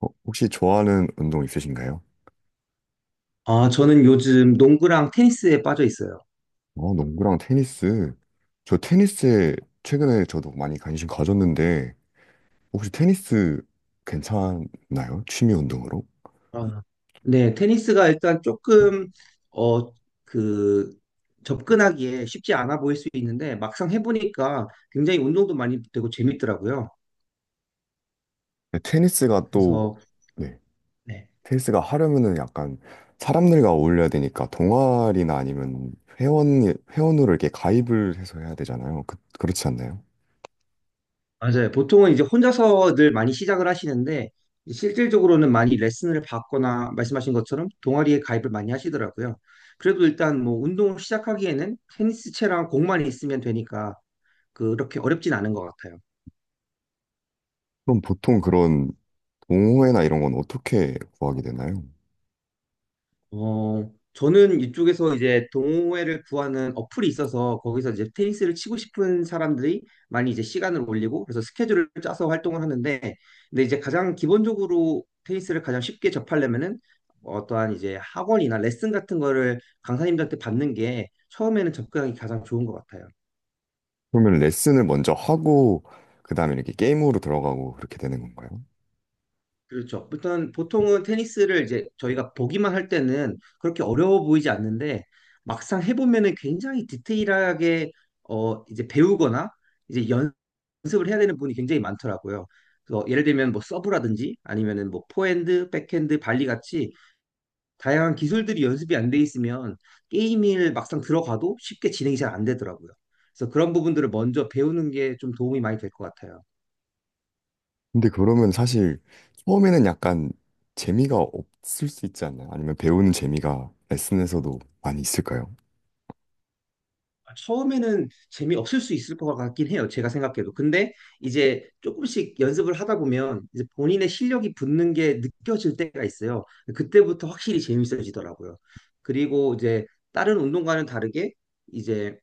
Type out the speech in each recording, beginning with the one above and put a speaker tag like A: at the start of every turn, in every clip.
A: 혹시 좋아하는 운동 있으신가요?
B: 아, 저는 요즘 농구랑 테니스에 빠져 있어요.
A: 농구랑 테니스. 저 테니스에 최근에 저도 많이 관심 가졌는데, 혹시 테니스 괜찮나요? 취미 운동으로?
B: 아, 네, 테니스가 일단
A: 음.
B: 조금, 어, 그, 접근하기에 쉽지 않아 보일 수 있는데, 막상 해보니까 굉장히 운동도 많이 되고 재밌더라고요.
A: 네, 테니스가 또,
B: 그래서,
A: 네,
B: 네,
A: 테니스가 하려면은 약간 사람들과 어울려야 되니까 동아리나 아니면 회원, 회원으로 이렇게 가입을 해서 해야 되잖아요. 그, 그렇지 않나요?
B: 맞아요. 보통은 이제 혼자서 늘 많이 시작을 하시는데, 실질적으로는 많이 레슨을 받거나, 말씀하신 것처럼 동아리에 가입을 많이 하시더라고요. 그래도 일단 뭐, 운동을 시작하기에는 테니스채랑 공만 있으면 되니까, 그렇게 어렵진 않은 것 같아요.
A: 그럼 보통 그런 동호회나 이런 건 어떻게 구하게 되나요?
B: 어, 저는 이쪽에서 이제 동호회를 구하는 어플이 있어서 거기서 이제 테니스를 치고 싶은 사람들이 많이 이제 시간을 올리고 그래서 스케줄을 짜서 활동을 하는데 근데 이제 가장 기본적으로 테니스를 가장 쉽게 접하려면은 어떠한 이제 학원이나 레슨 같은 거를 강사님들한테 받는 게 처음에는 접근하기 가장 좋은 것 같아요.
A: 그러면 레슨을 먼저 하고 그다음에 이렇게 게임으로 들어가고 그렇게 되는 건가요?
B: 그렇죠. 일단 보통은 테니스를 이제 저희가 보기만 할 때는 그렇게 어려워 보이지 않는데 막상 해보면은 굉장히 디테일하게 이제 배우거나 이제 연습을 해야 되는 분이 굉장히 많더라고요. 그래서 예를 들면 뭐 서브라든지 아니면은 뭐 포핸드, 백핸드, 발리 같이 다양한 기술들이 연습이 안 돼 있으면 게임을 막상 들어가도 쉽게 진행이 잘 안 되더라고요. 그래서 그런 부분들을 먼저 배우는 게 좀 도움이 많이 될 것 같아요.
A: 근데 그러면 사실 처음에는 약간 재미가 없을 수 있지 않나요? 아니면 배우는 재미가 레슨에서도 많이 있을까요?
B: 아, 처음에는 재미없을 수 있을 것 같긴 해요. 제가 생각해도. 근데 이제 조금씩 연습을 하다 보면 이제 본인의 실력이 붙는 게 느껴질 때가 있어요. 그때부터 확실히 재밌어지더라고요. 그리고 이제 다른 운동과는 다르게 이제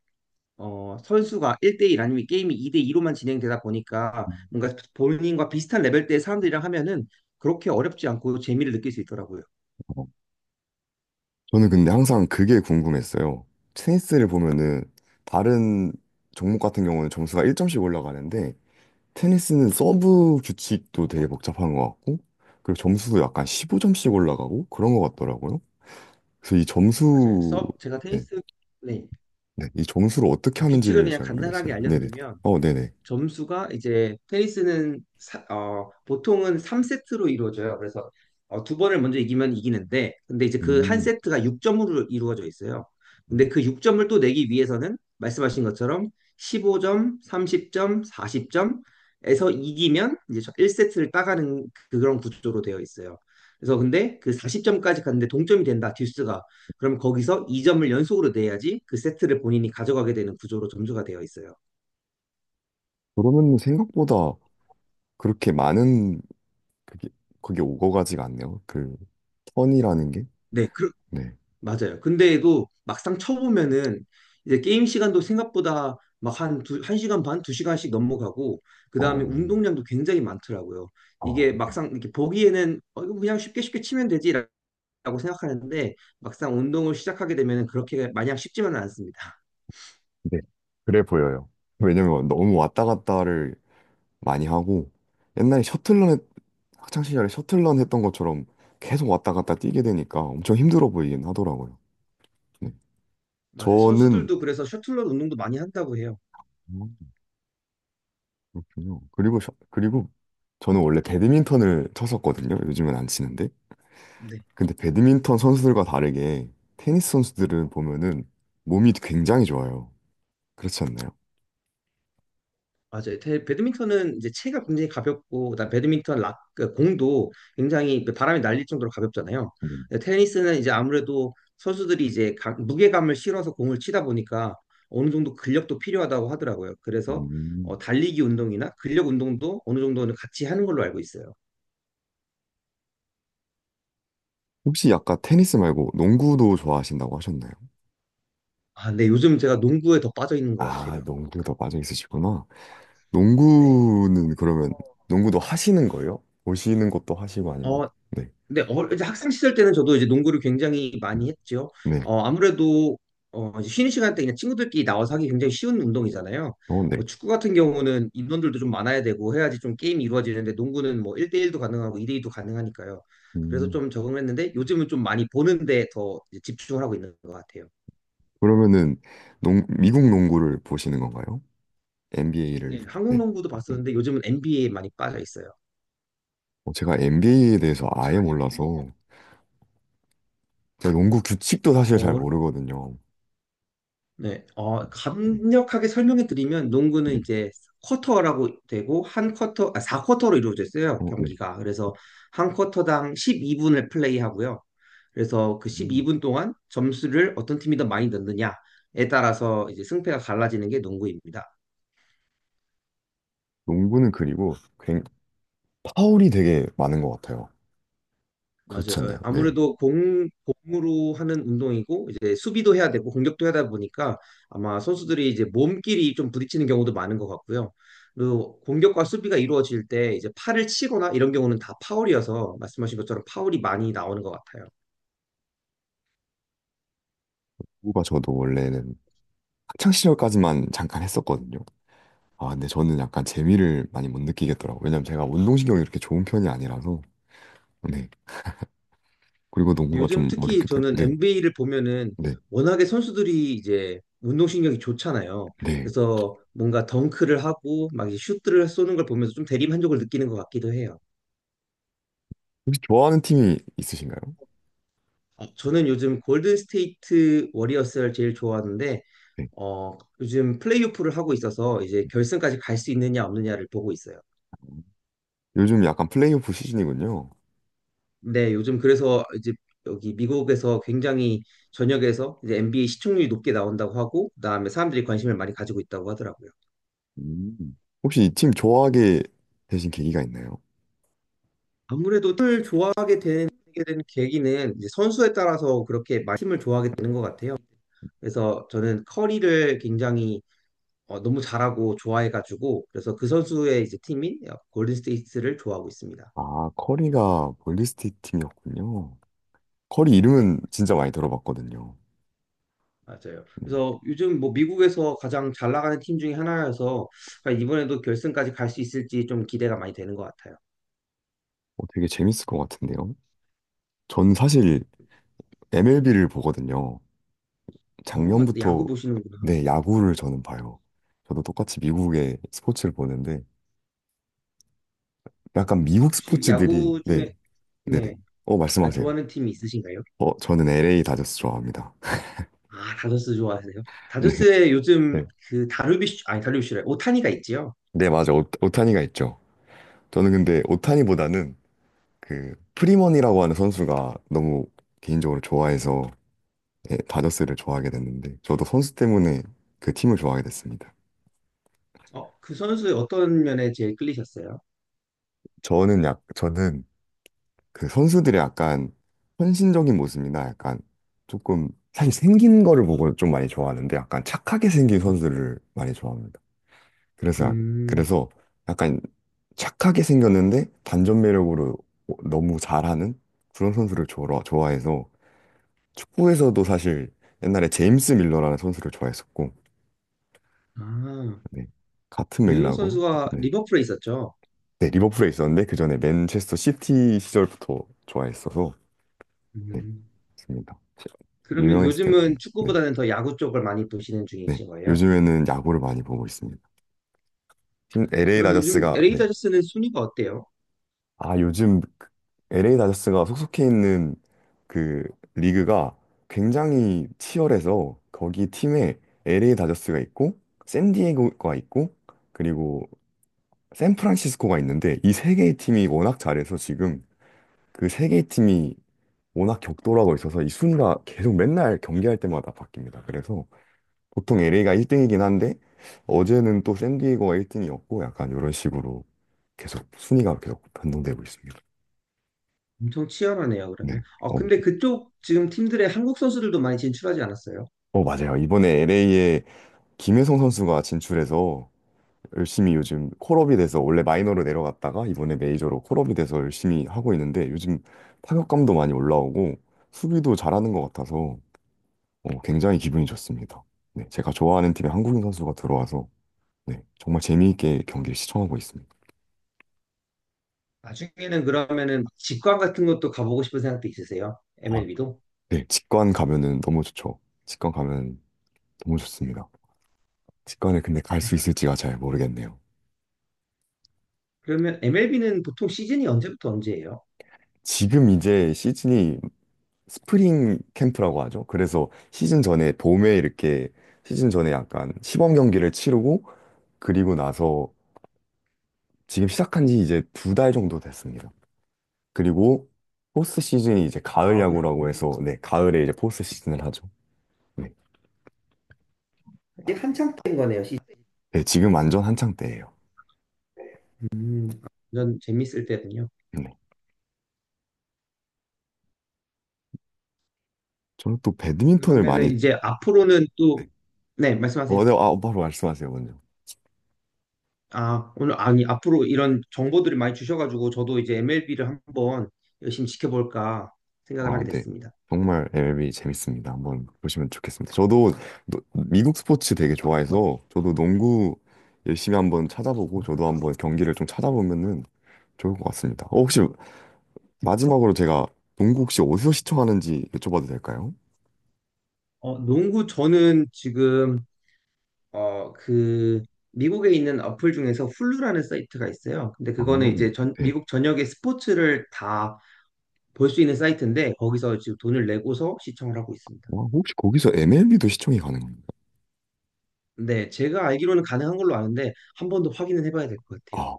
B: 선수가 1대1 아니면 게임이 2대2로만 진행되다 보니까 뭔가 본인과 비슷한 레벨대의 사람들이랑 하면은 그렇게 어렵지 않고 재미를 느낄 수 있더라고요.
A: 어, 저는 근데 항상 그게 궁금했어요. 테니스를 보면은 다른 종목 같은 경우는 점수가 1점씩 올라가는데 테니스는 서브 규칙도 되게 복잡한 것 같고 그리고 점수도 약간 15점씩 올라가고 그런 것 같더라고요. 그래서 이
B: 맞아요.
A: 점수.
B: 서브, 제가
A: 네.
B: 테니스, 네.
A: 네, 이 점수를 어떻게
B: 규칙을
A: 하는지를
B: 그냥
A: 잘
B: 간단하게
A: 모르겠어요. 네네.
B: 알려드리면
A: 네네.
B: 점수가 이제 테니스는 보통은 3세트로 이루어져요. 그래서 어, 두 번을 먼저 이기면 이기는데 근데 이제 그 한
A: 음.
B: 세트가 6점으로 이루어져 있어요. 근데 그 6점을 또 내기 위해서는 말씀하신 것처럼 15점, 30점, 40점에서 이기면 이제 1세트를 따가는 그런 구조로 되어 있어요. 그래서 근데 그 40점까지 갔는데 동점이 된다, 듀스가. 그럼 거기서 2점을 연속으로 내야지 그 세트를 본인이 가져가게 되는 구조로 점수가 되어 있어요.
A: 그러면 생각보다 그렇게 많은 그게 그게 오거가지가 않네요. 그 턴이라는 게.
B: 네,
A: 네.
B: 맞아요. 근데도 막상 쳐보면은 이제 게임 시간도 생각보다 막 한 시간 반, 두 시간씩 넘어가고 그다음에
A: 어,
B: 운동량도 굉장히 많더라고요. 이게
A: 네.
B: 막상 이렇게 보기에는 이거 그냥 쉽게 쉽게 치면 되지라고 생각하는데 막상 운동을 시작하게 되면은 그렇게 마냥 쉽지만은 않습니다.
A: 네. 그래 보여요. 왜냐면 너무 왔다 갔다를 많이 하고 옛날에 셔틀런 했- 학창 시절에 셔틀런 했던 것처럼 계속 왔다 갔다 뛰게 되니까 엄청 힘들어 보이긴 하더라고요. 네.
B: 맞아요.
A: 저는
B: 선수들도 그래서 셔틀러 운동도 많이 한다고 해요.
A: 그렇군요. 그리고 저는 원래 배드민턴을 쳤었거든요. 요즘은 안 치는데.
B: 네.
A: 근데 배드민턴 선수들과 다르게 테니스 선수들은 보면은 몸이 굉장히 좋아요. 그렇지 않나요?
B: 맞아요. 배드민턴은 이제 체가 굉장히 가볍고, 그다음 배드민턴 락, 그 공도 굉장히 그 바람이 날릴 정도로 가볍잖아요.
A: 음.
B: 근데 테니스는 이제 아무래도 선수들이 이제 무게감을 실어서 공을 치다 보니까 어느 정도 근력도 필요하다고 하더라고요. 그래서
A: 음.
B: 달리기 운동이나 근력 운동도 어느 정도는 같이 하는 걸로 알고 있어요.
A: 혹시 아까 테니스 말고 농구도 좋아하신다고 하셨나요?
B: 아, 네. 요즘 제가 농구에 더 빠져 있는 것
A: 아,
B: 같아요.
A: 농구도 빠져 있으시구나.
B: 네.
A: 농구는 그러면 농구도 하시는 거예요? 보시는 것도 하시고 아니면.
B: 어,
A: 네.
B: 근데 이제 학생 시절 때는 저도 이제 농구를 굉장히
A: 음,
B: 많이 했죠.
A: 네.
B: 아무래도 이제 쉬는 시간 때 그냥 친구들끼리 나와서 하기 굉장히 쉬운 운동이잖아요.
A: 어, 네.
B: 뭐 축구 같은 경우는 인원들도 좀 많아야 되고 해야지 좀 게임이 이루어지는데 농구는 뭐 1대1도 가능하고 2대2도 가능하니까요. 그래서
A: 음.
B: 좀 적응을 했는데 요즘은 좀 많이 보는데 더 이제 집중을 하고 있는 것 같아요.
A: 그러면은 미국 농구를 보시는 건가요? NBA를.
B: 네, 한국
A: 네.
B: 농구도
A: 네.
B: 봤었는데 요즘은 NBA에 많이 빠져 있어요.
A: 어, 제가 NBA에 대해서 아예 몰라서 제가 농구 규칙도 사실 잘 모르거든요.
B: 네, 어,
A: 네.
B: 간략하게 설명해 드리면 농구는
A: 네.
B: 이제 쿼터라고 되고 한 쿼터, 아, 4쿼터로 이루어져 있어요,
A: 어, 네.
B: 경기가. 그래서 한 쿼터당 12분을 플레이하고요. 그래서 그
A: 음.
B: 12분 동안 점수를 어떤 팀이 더 많이 넣느냐에 따라서 이제 승패가 갈라지는 게 농구입니다.
A: 농구는 그리고 굉 파울이 되게 많은 것 같아요. 그렇지
B: 맞아요. 어,
A: 않나요? 네.
B: 아무래도 공, 공으로 하는 운동이고, 이제 수비도 해야 되고, 공격도 하다 보니까 아마 선수들이 이제 몸끼리 좀 부딪히는 경우도 많은 것 같고요. 그리고 공격과 수비가 이루어질 때 이제 팔을 치거나 이런 경우는 다 파울이어서 말씀하신 것처럼 파울이 많이 나오는 것 같아요.
A: 농구가 저도 원래는 학창 시절까지만 잠깐 했었거든요. 아, 근데 저는 약간 재미를 많이 못 느끼겠더라고요. 왜냐면 제가 운동신경이 이렇게 좋은 편이 아니라서. 네. 그리고
B: 근데
A: 농구가
B: 요즘
A: 좀
B: 특히
A: 어렵게 되고.
B: 저는
A: 네.
B: NBA를 보면은
A: 네.
B: 워낙에 선수들이 이제 운동신경이 좋잖아요.
A: 네.
B: 그래서 뭔가 덩크를 하고 막 이제 슛들을 쏘는 걸 보면서 좀 대리만족을 느끼는 것 같기도 해요.
A: 혹시 좋아하는 팀이 있으신가요?
B: 어, 저는 요즘 골든 스테이트 워리어스를 제일 좋아하는데
A: 네.
B: 어, 요즘 플레이오프를 하고 있어서 이제 결승까지 갈 수 있느냐 없느냐를 보고 있어요.
A: 요즘 약간 플레이오프 시즌이군요.
B: 네, 요즘 그래서 이제 여기 미국에서 굉장히 전역에서 이제 NBA 시청률이 높게 나온다고 하고 그다음에 사람들이 관심을 많이 가지고 있다고 하더라고요.
A: 음. 혹시 이 팀 좋아하게 되신 계기가 있나요?
B: 아무래도 팀을 좋아하게 되는 되 계기는 이제 선수에 따라서 그렇게 많이 팀을 좋아하게 되는 것 같아요. 그래서 저는 커리를 굉장히 너무 잘하고 좋아해가지고 그래서 그 선수의 이제 팀인 골든 스테이트를 좋아하고 있습니다.
A: 아, 커리가 볼리스틱 팀이었군요. 커리 이름은
B: 네,
A: 진짜 많이 들어봤거든요.
B: 맞아요.
A: 음.
B: 그래서 요즘 뭐 미국에서 가장 잘 나가는 팀 중에 하나여서 이번에도 결승까지 갈 수 있을지 좀 기대가 많이 되는 것 같아요.
A: 어, 되게 재밌을 것 같은데요. 전 사실 MLB를 보거든요.
B: 아, 근데
A: 작년부터.
B: 야구 보시는구나.
A: 네, 야구를 저는 봐요. 저도 똑같이 미국의 스포츠를 보는데 약간 미국
B: 혹시
A: 스포츠들이.
B: 야구
A: 네,
B: 중에
A: 네네.
B: 네,
A: 어,
B: 아,
A: 말씀하세요.
B: 좋아하는 팀이 있으신가요?
A: 어, 저는 LA 다저스 좋아합니다.
B: 아, 다저스 좋아하세요?
A: 네,
B: 다저스에 요즘
A: 네.
B: 그 다루비쉬 아니 다루비쉬래 오타니가 있지요.
A: 네, 맞아. 오타니가 있죠. 저는 근데 오타니보다는 그 프리먼이라고 하는 선수가 너무 개인적으로 좋아해서, 예, 다저스를 좋아하게 됐는데 저도 선수 때문에 그 팀을 좋아하게 됐습니다.
B: 그 선수의 어떤 면에 제일 끌리셨어요?
A: 저는 그 선수들의 약간 헌신적인 모습이나 약간 조금 사실 생긴 거를 보고 좀 많이 좋아하는데 약간 착하게 생긴 선수를 많이 좋아합니다. 그래서 약-
B: 음,
A: 그래서 약간 착하게 생겼는데 반전 매력으로 너무 잘하는 그런 선수를 좋아해서 축구에서도 사실 옛날에 제임스 밀러라는 선수를 좋아했었고,
B: 아.
A: 네. 같은
B: 밀러
A: 맥락으로.
B: 선수가
A: 네,
B: 리버풀에 있었죠.
A: 네, 리버풀에 있었는데, 그 전에 맨체스터 시티 시절부터 좋아했어서, 네,
B: 음.
A: 맞습니다.
B: 그러면
A: 유명했을 때는, 네,
B: 요즘은
A: 네,
B: 축구보다는 더 야구 쪽을 많이 보시는
A: 네.
B: 중이신 거예요?
A: 요즘에는 야구를 많이 보고 있습니다. 지금 LA
B: 그러면 요즘
A: 다저스가,
B: LA
A: 네.
B: 다저스는 순위가 어때요?
A: 아, 요즘 그 LA 다저스가 속속해 있는 그 리그가 굉장히 치열해서, 거기 팀에 LA 다저스가 있고, 샌디에고가 있고, 그리고 샌프란시스코가 있는데 이 세 개의 팀이 워낙 잘해서 지금 그 세 개의 팀이 워낙 격돌하고 있어서 이 순위가 계속 맨날 경기할 때마다 바뀝니다. 그래서 보통
B: 아,
A: LA가 1등이긴 한데 어제는 또 샌디에이고가 1등이었고 약간 이런 식으로 계속 순위가 계속 변동되고 있습니다.
B: 엄청 치열하네요, 그러면.
A: 네.
B: 아,
A: 어,
B: 근데 그쪽 지금 팀들의 한국 선수들도 많이 진출하지 않았어요?
A: 맞아요. 이번에 LA에 김혜성 선수가 진출해서 열심히 요즘 콜업이 돼서 원래 마이너로 내려갔다가 이번에 메이저로 콜업이 돼서 열심히 하고 있는데 요즘 타격감도 많이 올라오고 수비도 잘하는 것 같아서, 어, 굉장히 기분이 좋습니다. 네, 제가 좋아하는 팀에 한국인 선수가 들어와서, 네, 정말 재미있게 경기를 시청하고 있습니다.
B: 나중에는 그러면은 직관 같은 것도 가보고 싶은 생각도 있으세요?
A: 아,
B: MLB도?
A: 네, 직관 가면은 너무 좋죠. 직관 가면 너무 좋습니다. 직관에 근데 갈 수 있을지가 잘 모르겠네요.
B: 그러면 MLB는 보통 시즌이 언제부터 언제예요?
A: 지금 이제 시즌이 스프링 캠프라고 하죠. 그래서 시즌 전에 봄에 이렇게 시즌 전에 약간 시범 경기를 치르고 그리고 나서 지금 시작한 지 이제 두 달 정도 됐습니다. 그리고 포스트 시즌이 이제 가을
B: 아, 그럼
A: 야구라고 해서, 네, 가을에 이제 포스트 시즌을 하죠. 네.
B: 아직 한창 때인 거네요, 시즌.
A: 네, 지금 완전 한창 때예요.
B: 음, 완전 재밌을 때군요.
A: 네. 저는 또 배드민턴을 많이.
B: 그러면은 이제 앞으로는 또, 네, 말씀하세요.
A: 네, 아, 바로 말씀하세요, 먼저.
B: 아, 오늘, 아니, 앞으로 이런 정보들을 많이 주셔가지고, 저도 이제 MLB를 한번 열심히 지켜볼까 생각을
A: 아,
B: 하게
A: 네.
B: 됐습니다.
A: 정말 MLB 재밌습니다. 한번 보시면 좋겠습니다. 저도 미국 스포츠 되게 좋아해서 저도 농구 열심히 한번 찾아보고 저도 한번 경기를 좀 찾아보면은 좋을 것 같습니다. 어, 혹시 마지막으로 제가 농구 혹시 어디서 시청하는지 여쭤봐도 될까요?
B: 농구, 저는 지금, 어, 그, 미국에 있는 어플 중에서 훌루라는 사이트가 있어요. 근데
A: 아,
B: 그거는 이제 전,
A: 네.
B: 미국 전역의 스포츠를 다 볼 수 있는 사이트인데, 거기서 지금 돈을 내고서 시청을 하고 있습니다.
A: 와, 혹시 거기서 MLB도 시청이 가능한가요?
B: 네, 제가 알기로는 가능한 걸로 아는데, 한 번 더 확인을 해봐야 될 것 같아요.
A: 아,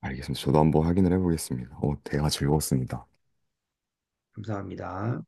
A: 알겠습니다. 저도 한번 확인을 해보겠습니다. 어, 대화 즐거웠습니다.
B: 감사합니다.